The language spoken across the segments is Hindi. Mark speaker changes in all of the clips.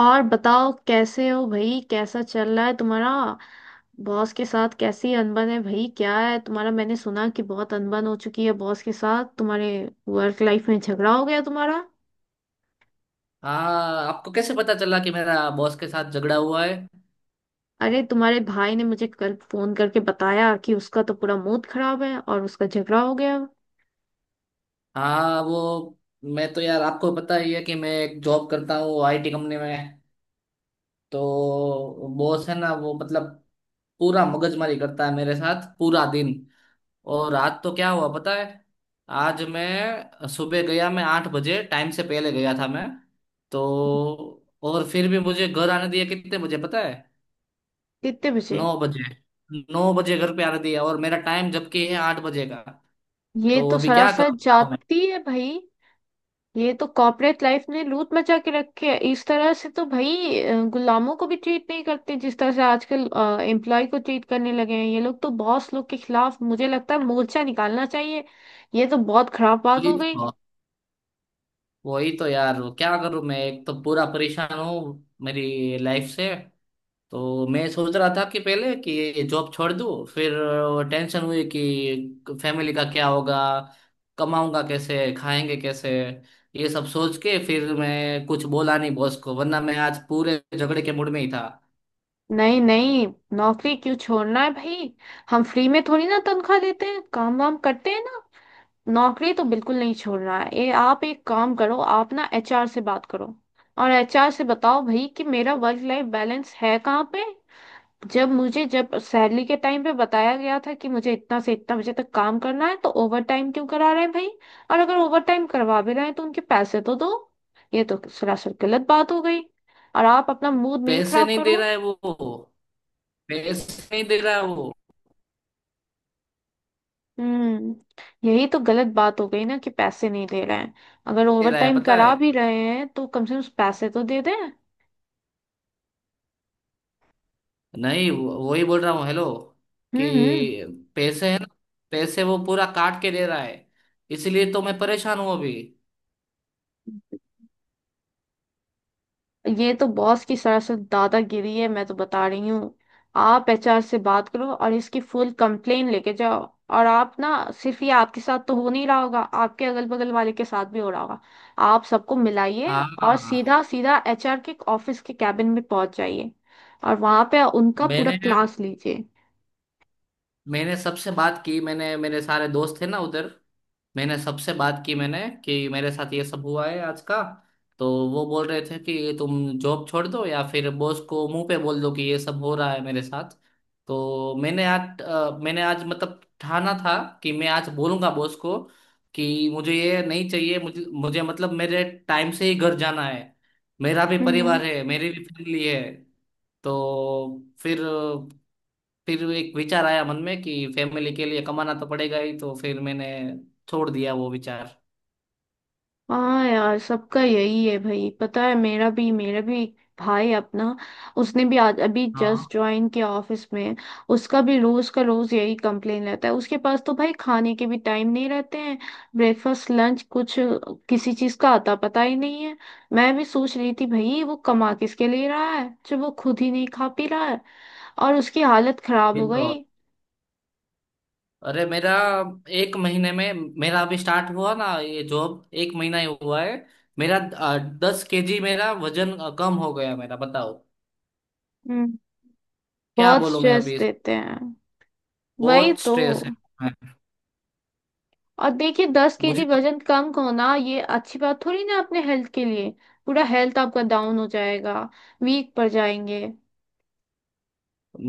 Speaker 1: और बताओ कैसे हो भाई। कैसा चल रहा है तुम्हारा बॉस के साथ? कैसी अनबन है भाई, क्या है तुम्हारा? मैंने सुना कि बहुत अनबन हो चुकी है बॉस के साथ तुम्हारे। वर्क लाइफ में झगड़ा हो गया तुम्हारा?
Speaker 2: हाँ, आपको कैसे पता चला कि मेरा बॉस के साथ झगड़ा हुआ है?
Speaker 1: अरे, तुम्हारे भाई ने मुझे कल फोन करके बताया कि उसका तो पूरा मूड खराब है और उसका झगड़ा हो गया।
Speaker 2: हाँ, वो मैं तो, यार, आपको पता ही है कि मैं एक जॉब करता हूँ आईटी कंपनी में। तो बॉस है ना, वो मतलब पूरा मगजमारी करता है मेरे साथ पूरा दिन और रात। तो क्या हुआ पता है? आज मैं सुबह गया, मैं 8 बजे टाइम से पहले गया था मैं। तो और फिर भी मुझे घर आने दिया कितने बजे पता है?
Speaker 1: कितने बजे?
Speaker 2: 9 बजे। 9 बजे घर पे आने दिया, और मेरा टाइम जबकि है 8 बजे का।
Speaker 1: ये
Speaker 2: तो
Speaker 1: तो
Speaker 2: अभी क्या
Speaker 1: सरासर
Speaker 2: करूँ बताओ मैं?
Speaker 1: जाती है भाई। ये तो कॉर्पोरेट लाइफ ने लूट मचा के रखी है। इस तरह से तो भाई गुलामों को भी ट्रीट नहीं करते जिस तरह से आजकल एम्प्लॉय को ट्रीट करने लगे हैं ये लोग। तो बॉस लोग के खिलाफ मुझे लगता है मोर्चा निकालना चाहिए। ये तो बहुत खराब बात
Speaker 2: वही
Speaker 1: हो गई।
Speaker 2: तो। वही तो, यार, क्या करूँ मैं? एक तो पूरा परेशान हूँ मेरी लाइफ से। तो मैं सोच रहा था कि पहले कि ये जॉब छोड़ दूँ, फिर टेंशन हुई कि फैमिली का क्या होगा, कमाऊंगा कैसे, खाएंगे कैसे। ये सब सोच के फिर मैं कुछ बोला नहीं बॉस को, वरना मैं आज पूरे झगड़े के मूड में ही था।
Speaker 1: नहीं नहीं, नौकरी क्यों छोड़ना है भाई। हम फ्री में थोड़ी ना तनख्वाह देते हैं, काम वाम करते हैं ना। नौकरी तो बिल्कुल नहीं छोड़ना है। ये आप एक काम करो, आप ना एचआर से बात करो। और एचआर से बताओ भाई कि मेरा वर्क लाइफ बैलेंस है कहाँ पे। जब मुझे जब सैलरी के टाइम पे बताया गया था कि मुझे इतना से इतना बजे तक काम करना है तो ओवर टाइम क्यों करा रहे हैं भाई। और अगर ओवर टाइम करवा भी रहे हैं तो उनके पैसे तो दो। ये तो सरासर गलत बात हो गई। और आप अपना मूड नहीं
Speaker 2: पैसे
Speaker 1: खराब
Speaker 2: नहीं दे
Speaker 1: करो।
Speaker 2: रहा है वो। पैसे नहीं दे रहा है वो।
Speaker 1: हम्म। यही तो गलत बात हो गई ना कि पैसे नहीं दे रहे हैं। अगर
Speaker 2: दे
Speaker 1: ओवर
Speaker 2: रहा है
Speaker 1: टाइम
Speaker 2: पता है?
Speaker 1: करा भी रहे हैं तो कम से कम पैसे तो दे दें।
Speaker 2: नहीं, वही बोल रहा हूँ। हेलो?
Speaker 1: हम्म।
Speaker 2: कि पैसे है ना, पैसे वो पूरा काट के दे रहा है। इसलिए तो मैं परेशान हूँ अभी।
Speaker 1: ये तो बॉस की सरासर दादागिरी है, मैं तो बता रही हूँ। आप एचआर से बात करो और इसकी फुल कंप्लेन लेके जाओ। और आप ना, सिर्फ ये आपके साथ तो हो नहीं रहा होगा, आपके अगल बगल वाले के साथ भी हो रहा होगा। आप सबको मिलाइए और
Speaker 2: हाँ।
Speaker 1: सीधा सीधा एचआर के ऑफिस के कैबिन में पहुंच जाइए। और वहां पे उनका पूरा
Speaker 2: मैंने
Speaker 1: क्लास लीजिए।
Speaker 2: मैंने सबसे बात की, मैंने, मेरे सारे दोस्त थे ना उधर, मैंने सबसे बात की मैंने कि मेरे साथ ये सब हुआ है आज का। तो वो बोल रहे थे कि तुम जॉब छोड़ दो या फिर बॉस को मुंह पे बोल दो कि ये सब हो रहा है मेरे साथ। तो मैंने आज मतलब ठाना था कि मैं आज बोलूंगा बॉस को कि मुझे ये नहीं चाहिए। मुझे मुझे मतलब मेरे टाइम से ही घर जाना है। मेरा भी
Speaker 1: हम्म।
Speaker 2: परिवार है, मेरी भी फैमिली है। तो फिर एक विचार आया मन में कि फैमिली के लिए कमाना तो पड़ेगा ही, तो फिर मैंने छोड़ दिया वो विचार।
Speaker 1: हाँ यार, सबका यही है भाई, पता है। मेरा भी, मेरा भी एक भाई अपना, उसने भी आज अभी
Speaker 2: हाँ।
Speaker 1: जस्ट ज्वाइन किया ऑफिस में। उसका भी रोज का रोज यही कंप्लेन रहता है। उसके पास तो भाई खाने के भी टाइम नहीं रहते हैं। ब्रेकफास्ट लंच कुछ, किसी चीज का आता पता ही नहीं है। मैं भी सोच रही थी भाई, वो कमा किसके लिए रहा है जब वो खुद ही नहीं खा पी रहा है। और उसकी हालत खराब
Speaker 2: ये
Speaker 1: हो
Speaker 2: तो,
Speaker 1: गई।
Speaker 2: अरे मेरा एक महीने में, मेरा अभी स्टार्ट हुआ ना ये जॉब, एक महीना ही हुआ है मेरा। 10 केजी मेरा वजन कम हो गया मेरा, बताओ।
Speaker 1: हम्म।
Speaker 2: क्या
Speaker 1: बहुत
Speaker 2: बोलूं मैं
Speaker 1: स्ट्रेस
Speaker 2: अभी?
Speaker 1: देते हैं। वही
Speaker 2: बहुत
Speaker 1: तो।
Speaker 2: स्ट्रेस है।
Speaker 1: और देखिए, दस
Speaker 2: मुझे
Speaker 1: केजी
Speaker 2: तो,
Speaker 1: वजन कम होना ये अच्छी बात थोड़ी ना अपने हेल्थ के लिए। पूरा हेल्थ आपका डाउन हो जाएगा। वीक पड़ जाएंगे।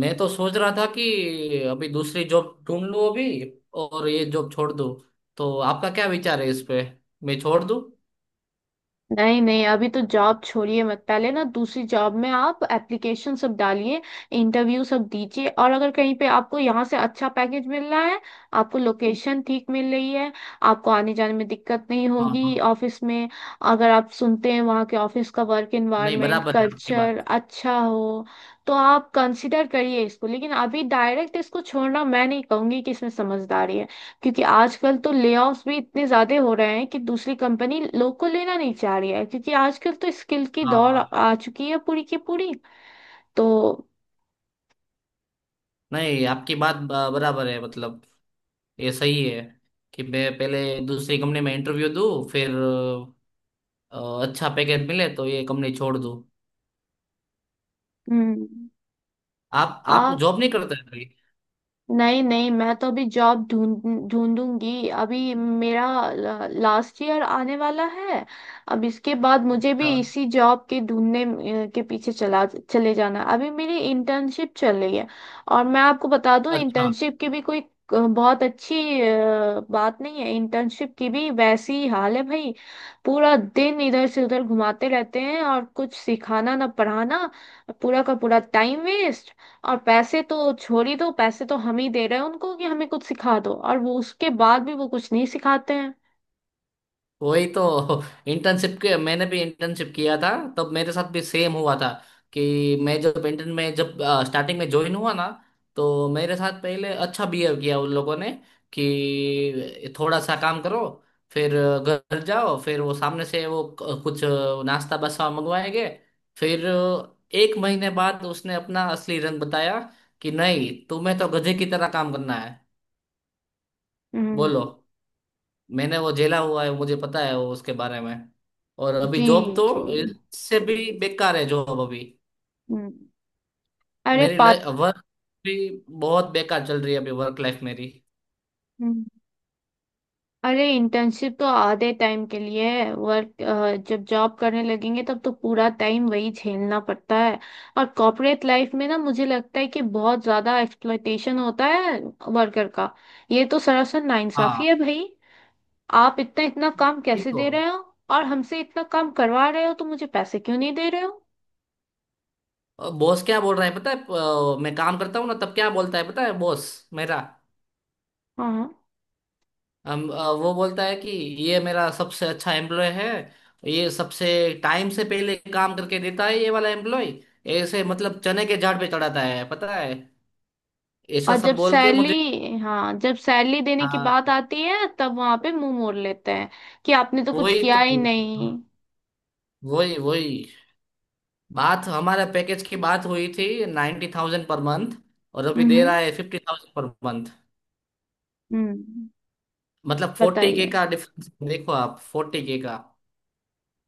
Speaker 2: मैं तो सोच रहा था कि अभी दूसरी जॉब ढूंढ लूं अभी और ये जॉब छोड़ दूं। तो आपका क्या विचार है इस पे, मैं छोड़ दूं?
Speaker 1: नहीं नहीं, अभी तो जॉब छोड़िए मत। पहले ना दूसरी जॉब में आप एप्लीकेशन सब डालिए, इंटरव्यू सब दीजिए और अगर कहीं पे आपको यहाँ से अच्छा पैकेज मिल रहा है, आपको लोकेशन ठीक मिल रही है, आपको आने जाने में दिक्कत नहीं
Speaker 2: हाँ, हाँ।
Speaker 1: होगी ऑफिस में, अगर आप सुनते हैं वहाँ के ऑफिस का वर्क
Speaker 2: नहीं,
Speaker 1: एनवायरनमेंट
Speaker 2: बराबर है आपकी बात।
Speaker 1: कल्चर अच्छा हो, तो आप कंसिडर करिए इसको। लेकिन अभी डायरेक्ट इसको छोड़ना मैं नहीं कहूंगी कि इसमें समझदारी है। क्योंकि आजकल तो लेऑफ्स भी इतने ज्यादा हो रहे हैं कि दूसरी कंपनी लोग को लेना नहीं चाह रही है, क्योंकि आजकल तो स्किल की दौड़ आ
Speaker 2: हाँ,
Speaker 1: आ चुकी है पूरी की पूरी। तो
Speaker 2: नहीं, आपकी बात बराबर है मतलब। ये सही है कि मैं पहले दूसरी कंपनी में इंटरव्यू दूँ, फिर अच्छा पैकेज मिले तो ये कंपनी छोड़ दूँ।
Speaker 1: हम्म।
Speaker 2: आप जॉब नहीं करते हैं अभी?
Speaker 1: नहीं नहीं, मैं तो अभी जॉब ढूंढ ढूंढूंगी। अभी मेरा लास्ट ईयर आने वाला है। अब इसके बाद मुझे भी
Speaker 2: अच्छा।
Speaker 1: इसी जॉब के ढूंढने के पीछे चला चले जाना है। अभी मेरी इंटर्नशिप चल रही है। और मैं आपको बता दूं,
Speaker 2: अच्छा।
Speaker 1: इंटर्नशिप की भी कोई बहुत अच्छी बात नहीं है। इंटर्नशिप की भी वैसी ही हाल है भाई। पूरा दिन इधर से उधर घुमाते रहते हैं और कुछ सिखाना ना पढ़ाना। पूरा का पूरा टाइम वेस्ट। और पैसे तो छोड़ ही दो, पैसे तो हम ही दे रहे हैं उनको कि हमें कुछ सिखा दो, और वो उसके बाद भी वो कुछ नहीं सिखाते हैं।
Speaker 2: वही तो। इंटर्नशिप के, मैंने भी इंटर्नशिप किया था, तब मेरे साथ भी सेम हुआ था। कि मैं जब इंटर्न में, जब स्टार्टिंग में ज्वाइन हुआ ना, तो मेरे साथ पहले अच्छा बिहेव किया उन लोगों ने कि थोड़ा सा काम करो, फिर घर जाओ, फिर वो सामने से, कुछ नाश्ता बसा मंगवाएंगे। फिर एक महीने बाद उसने अपना असली रंग बताया कि नहीं, तुम्हें तो गधे की तरह काम करना है।
Speaker 1: हम्म।
Speaker 2: बोलो। मैंने वो झेला हुआ है, मुझे पता है वो उसके बारे में। और अभी
Speaker 1: जी।
Speaker 2: जॉब
Speaker 1: जी।
Speaker 2: तो इससे भी बेकार है, जॉब अभी।
Speaker 1: हम्म। अरे
Speaker 2: मेरी
Speaker 1: पात।
Speaker 2: वर्क भी बहुत बेकार चल रही है अभी, वर्क लाइफ मेरी।
Speaker 1: हम्म, अरे इंटर्नशिप तो आधे टाइम के लिए है वर्क। जब जॉब करने लगेंगे तब तो पूरा टाइम वही झेलना पड़ता है। और कॉर्पोरेट लाइफ में ना मुझे लगता है कि बहुत ज्यादा एक्सप्लॉयटेशन होता है वर्कर का। ये तो सरासर
Speaker 2: हाँ।
Speaker 1: नाइंसाफी है भाई। आप इतना इतना काम
Speaker 2: ये
Speaker 1: कैसे
Speaker 2: तो,
Speaker 1: दे रहे हो। और हमसे इतना काम करवा रहे हो तो मुझे पैसे क्यों नहीं दे रहे हो।
Speaker 2: बॉस क्या बोल रहा है पता है? मैं काम करता हूँ ना तब क्या बोलता है पता है, बॉस मेरा?
Speaker 1: हाँ।
Speaker 2: वो बोलता है कि ये मेरा सबसे अच्छा एम्प्लॉय है, ये सबसे टाइम से पहले काम करके देता है, ये वाला एम्प्लॉय। ऐसे मतलब चने के झाड़ पे चढ़ाता है पता है,
Speaker 1: और
Speaker 2: ऐसा
Speaker 1: जब
Speaker 2: सब बोल के मुझे।
Speaker 1: सैलरी, हाँ जब सैलरी देने की
Speaker 2: हाँ।
Speaker 1: बात आती है तब वहां पे मुंह मोड़ लेते हैं कि आपने तो कुछ
Speaker 2: वही
Speaker 1: किया
Speaker 2: तो।
Speaker 1: ही नहीं।
Speaker 2: वही वही बात, हमारा पैकेज की बात हुई थी 90,000 पर मंथ, और अभी दे रहा
Speaker 1: हम्म
Speaker 2: है 50,000 पर मंथ।
Speaker 1: हम्म।
Speaker 2: मतलब 40K
Speaker 1: बताइए।
Speaker 2: का डिफरेंस, देखो आप, 40K का।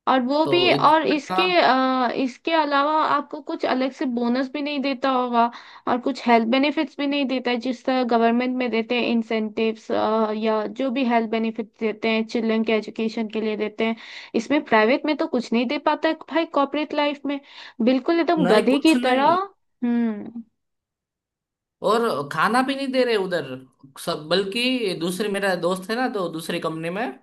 Speaker 1: और वो भी,
Speaker 2: तो
Speaker 1: और
Speaker 2: इतना।
Speaker 1: इसके इसके अलावा आपको कुछ अलग से बोनस भी नहीं देता होगा। और कुछ हेल्थ बेनिफिट्स भी नहीं देता है जिस तरह गवर्नमेंट में देते हैं इंसेंटिव्स, या जो भी हेल्थ बेनिफिट्स देते हैं चिल्ड्रन के एजुकेशन के लिए देते हैं। इसमें प्राइवेट में तो कुछ नहीं दे पाता है भाई कॉर्पोरेट लाइफ में। बिल्कुल एकदम
Speaker 2: नहीं,
Speaker 1: गधे की
Speaker 2: कुछ
Speaker 1: तरह।
Speaker 2: नहीं।
Speaker 1: हम्म।
Speaker 2: और खाना भी नहीं दे रहे उधर। सब बल्कि, दूसरे, मेरा दोस्त है ना तो दूसरी कंपनी में,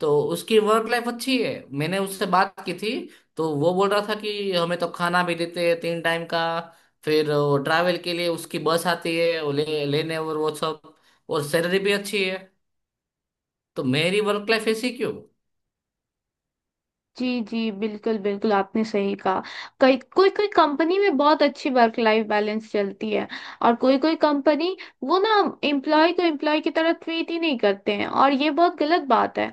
Speaker 2: तो उसकी वर्क लाइफ अच्छी है, मैंने उससे बात की थी। तो वो बोल रहा था कि हमें तो खाना भी देते हैं 3 टाइम का, फिर वो ट्रैवल के लिए उसकी बस आती है, वो ले लेने और वो सब, और सैलरी भी अच्छी है। तो मेरी वर्क लाइफ ऐसी क्यों?
Speaker 1: जी जी, बिल्कुल बिल्कुल, आपने सही कहा। कई, कोई कोई कंपनी में बहुत अच्छी वर्क लाइफ बैलेंस चलती है, और कोई कोई कंपनी, वो ना एम्प्लॉय को एम्प्लॉय की तरह ट्रीट ही नहीं करते हैं। और ये बहुत गलत बात है।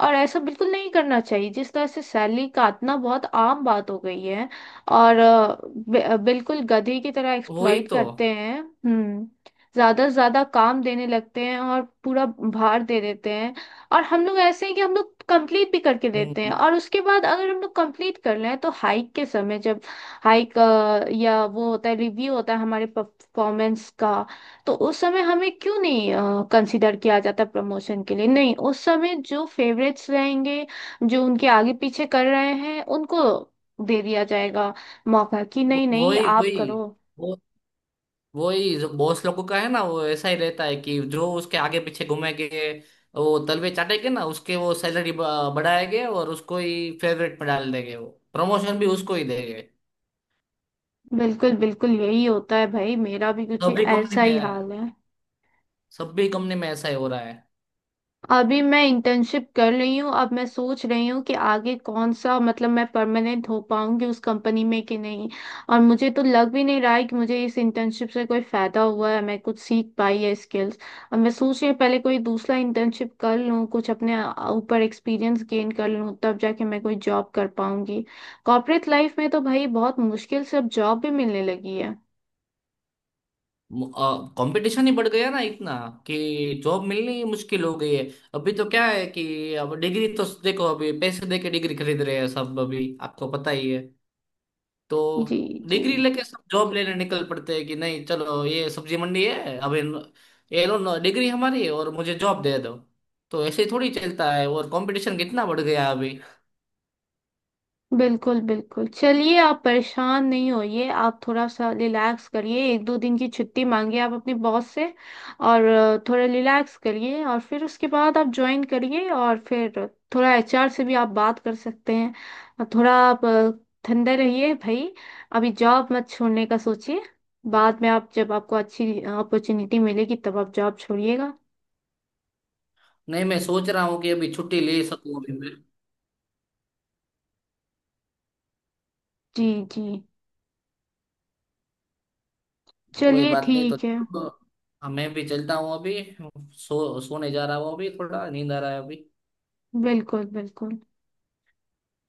Speaker 1: और ऐसा बिल्कुल नहीं करना चाहिए। जिस तरह से सैलरी काटना बहुत आम बात हो गई है। और बिल्कुल गधे की तरह
Speaker 2: वही
Speaker 1: एक्सप्लॉइट
Speaker 2: तो।
Speaker 1: करते हैं। हम्म। ज्यादा से ज्यादा काम देने लगते हैं और पूरा भार दे देते हैं। और हम लोग ऐसे हैं कि हम लोग कंप्लीट भी करके देते हैं,
Speaker 2: हम्म।
Speaker 1: और उसके बाद अगर हम लोग कंप्लीट कर लें तो हाइक के समय जब हाइक या वो होता है, रिव्यू होता है हमारे परफॉर्मेंस का, तो उस समय हमें क्यों नहीं कंसीडर किया जाता प्रमोशन के लिए। नहीं, उस समय जो फेवरेट्स रहेंगे, जो उनके आगे पीछे कर रहे हैं उनको दे दिया जाएगा मौका कि
Speaker 2: वो-
Speaker 1: नहीं नहीं
Speaker 2: वही
Speaker 1: आप
Speaker 2: वही
Speaker 1: करो।
Speaker 2: वो वही जो बॉस लोगों का है ना, वो ऐसा ही रहता है कि जो उसके आगे पीछे घूमेंगे, वो तलवे चाटेंगे ना उसके, वो सैलरी बढ़ाएंगे और उसको ही फेवरेट में डाल देंगे वो, प्रमोशन भी उसको ही देंगे।
Speaker 1: बिल्कुल बिल्कुल, यही होता है भाई। मेरा भी कुछ
Speaker 2: सभी कंपनी
Speaker 1: ऐसा
Speaker 2: में,
Speaker 1: ही हाल है।
Speaker 2: सभी कंपनी में ऐसा ही हो रहा है।
Speaker 1: अभी मैं इंटर्नशिप कर रही हूँ। अब मैं सोच रही हूँ कि आगे कौन सा, मतलब मैं परमानेंट हो पाऊंगी उस कंपनी में कि नहीं। और मुझे तो लग भी नहीं रहा है कि मुझे इस इंटर्नशिप से कोई फायदा हुआ है, मैं कुछ सीख पाई है स्किल्स। और मैं सोच रही हूँ पहले कोई दूसरा इंटर्नशिप कर लूँ, कुछ अपने ऊपर एक्सपीरियंस गेन कर लूँ, तब जाके मैं कोई जॉब कर पाऊंगी। कॉर्पोरेट लाइफ में तो भाई बहुत मुश्किल से अब जॉब भी मिलने लगी है।
Speaker 2: कंपटीशन ही बढ़ गया ना इतना कि जॉब मिलनी ही मुश्किल हो गई है। अभी तो क्या है कि अब डिग्री तो देखो, अभी पैसे देके डिग्री खरीद रहे हैं सब अभी, आपको पता ही है।
Speaker 1: जी
Speaker 2: तो
Speaker 1: जी,
Speaker 2: डिग्री लेके सब जॉब लेने निकल पड़ते हैं कि नहीं, चलो ये सब्जी मंडी है अभी, ये लो, डिग्री हमारी है और मुझे जॉब दे दो। तो ऐसे ही थोड़ी चलता है, और कंपटीशन कितना बढ़ गया अभी।
Speaker 1: बिल्कुल बिल्कुल। चलिए, आप परेशान नहीं होइए, आप थोड़ा सा रिलैक्स करिए, एक दो दिन की छुट्टी मांगिए आप अपने बॉस से। और थोड़ा रिलैक्स करिए, और फिर उसके बाद आप ज्वाइन करिए। और फिर थोड़ा एचआर से भी आप बात कर सकते हैं। और थोड़ा आप ठंडे रहिए भाई। अभी जॉब मत छोड़ने का सोचिए। बाद में आप जब आपको अच्छी अपॉर्चुनिटी मिलेगी तब आप जॉब छोड़िएगा।
Speaker 2: नहीं, मैं सोच रहा हूँ कि अभी छुट्टी ले सकूँ अभी।
Speaker 1: जी जी,
Speaker 2: कोई
Speaker 1: चलिए
Speaker 2: बात नहीं, तो
Speaker 1: ठीक है।
Speaker 2: अब मैं भी चलता हूँ अभी, सो सोने जा रहा हूँ अभी, थोड़ा नींद आ रहा है अभी।
Speaker 1: बिल्कुल बिल्कुल।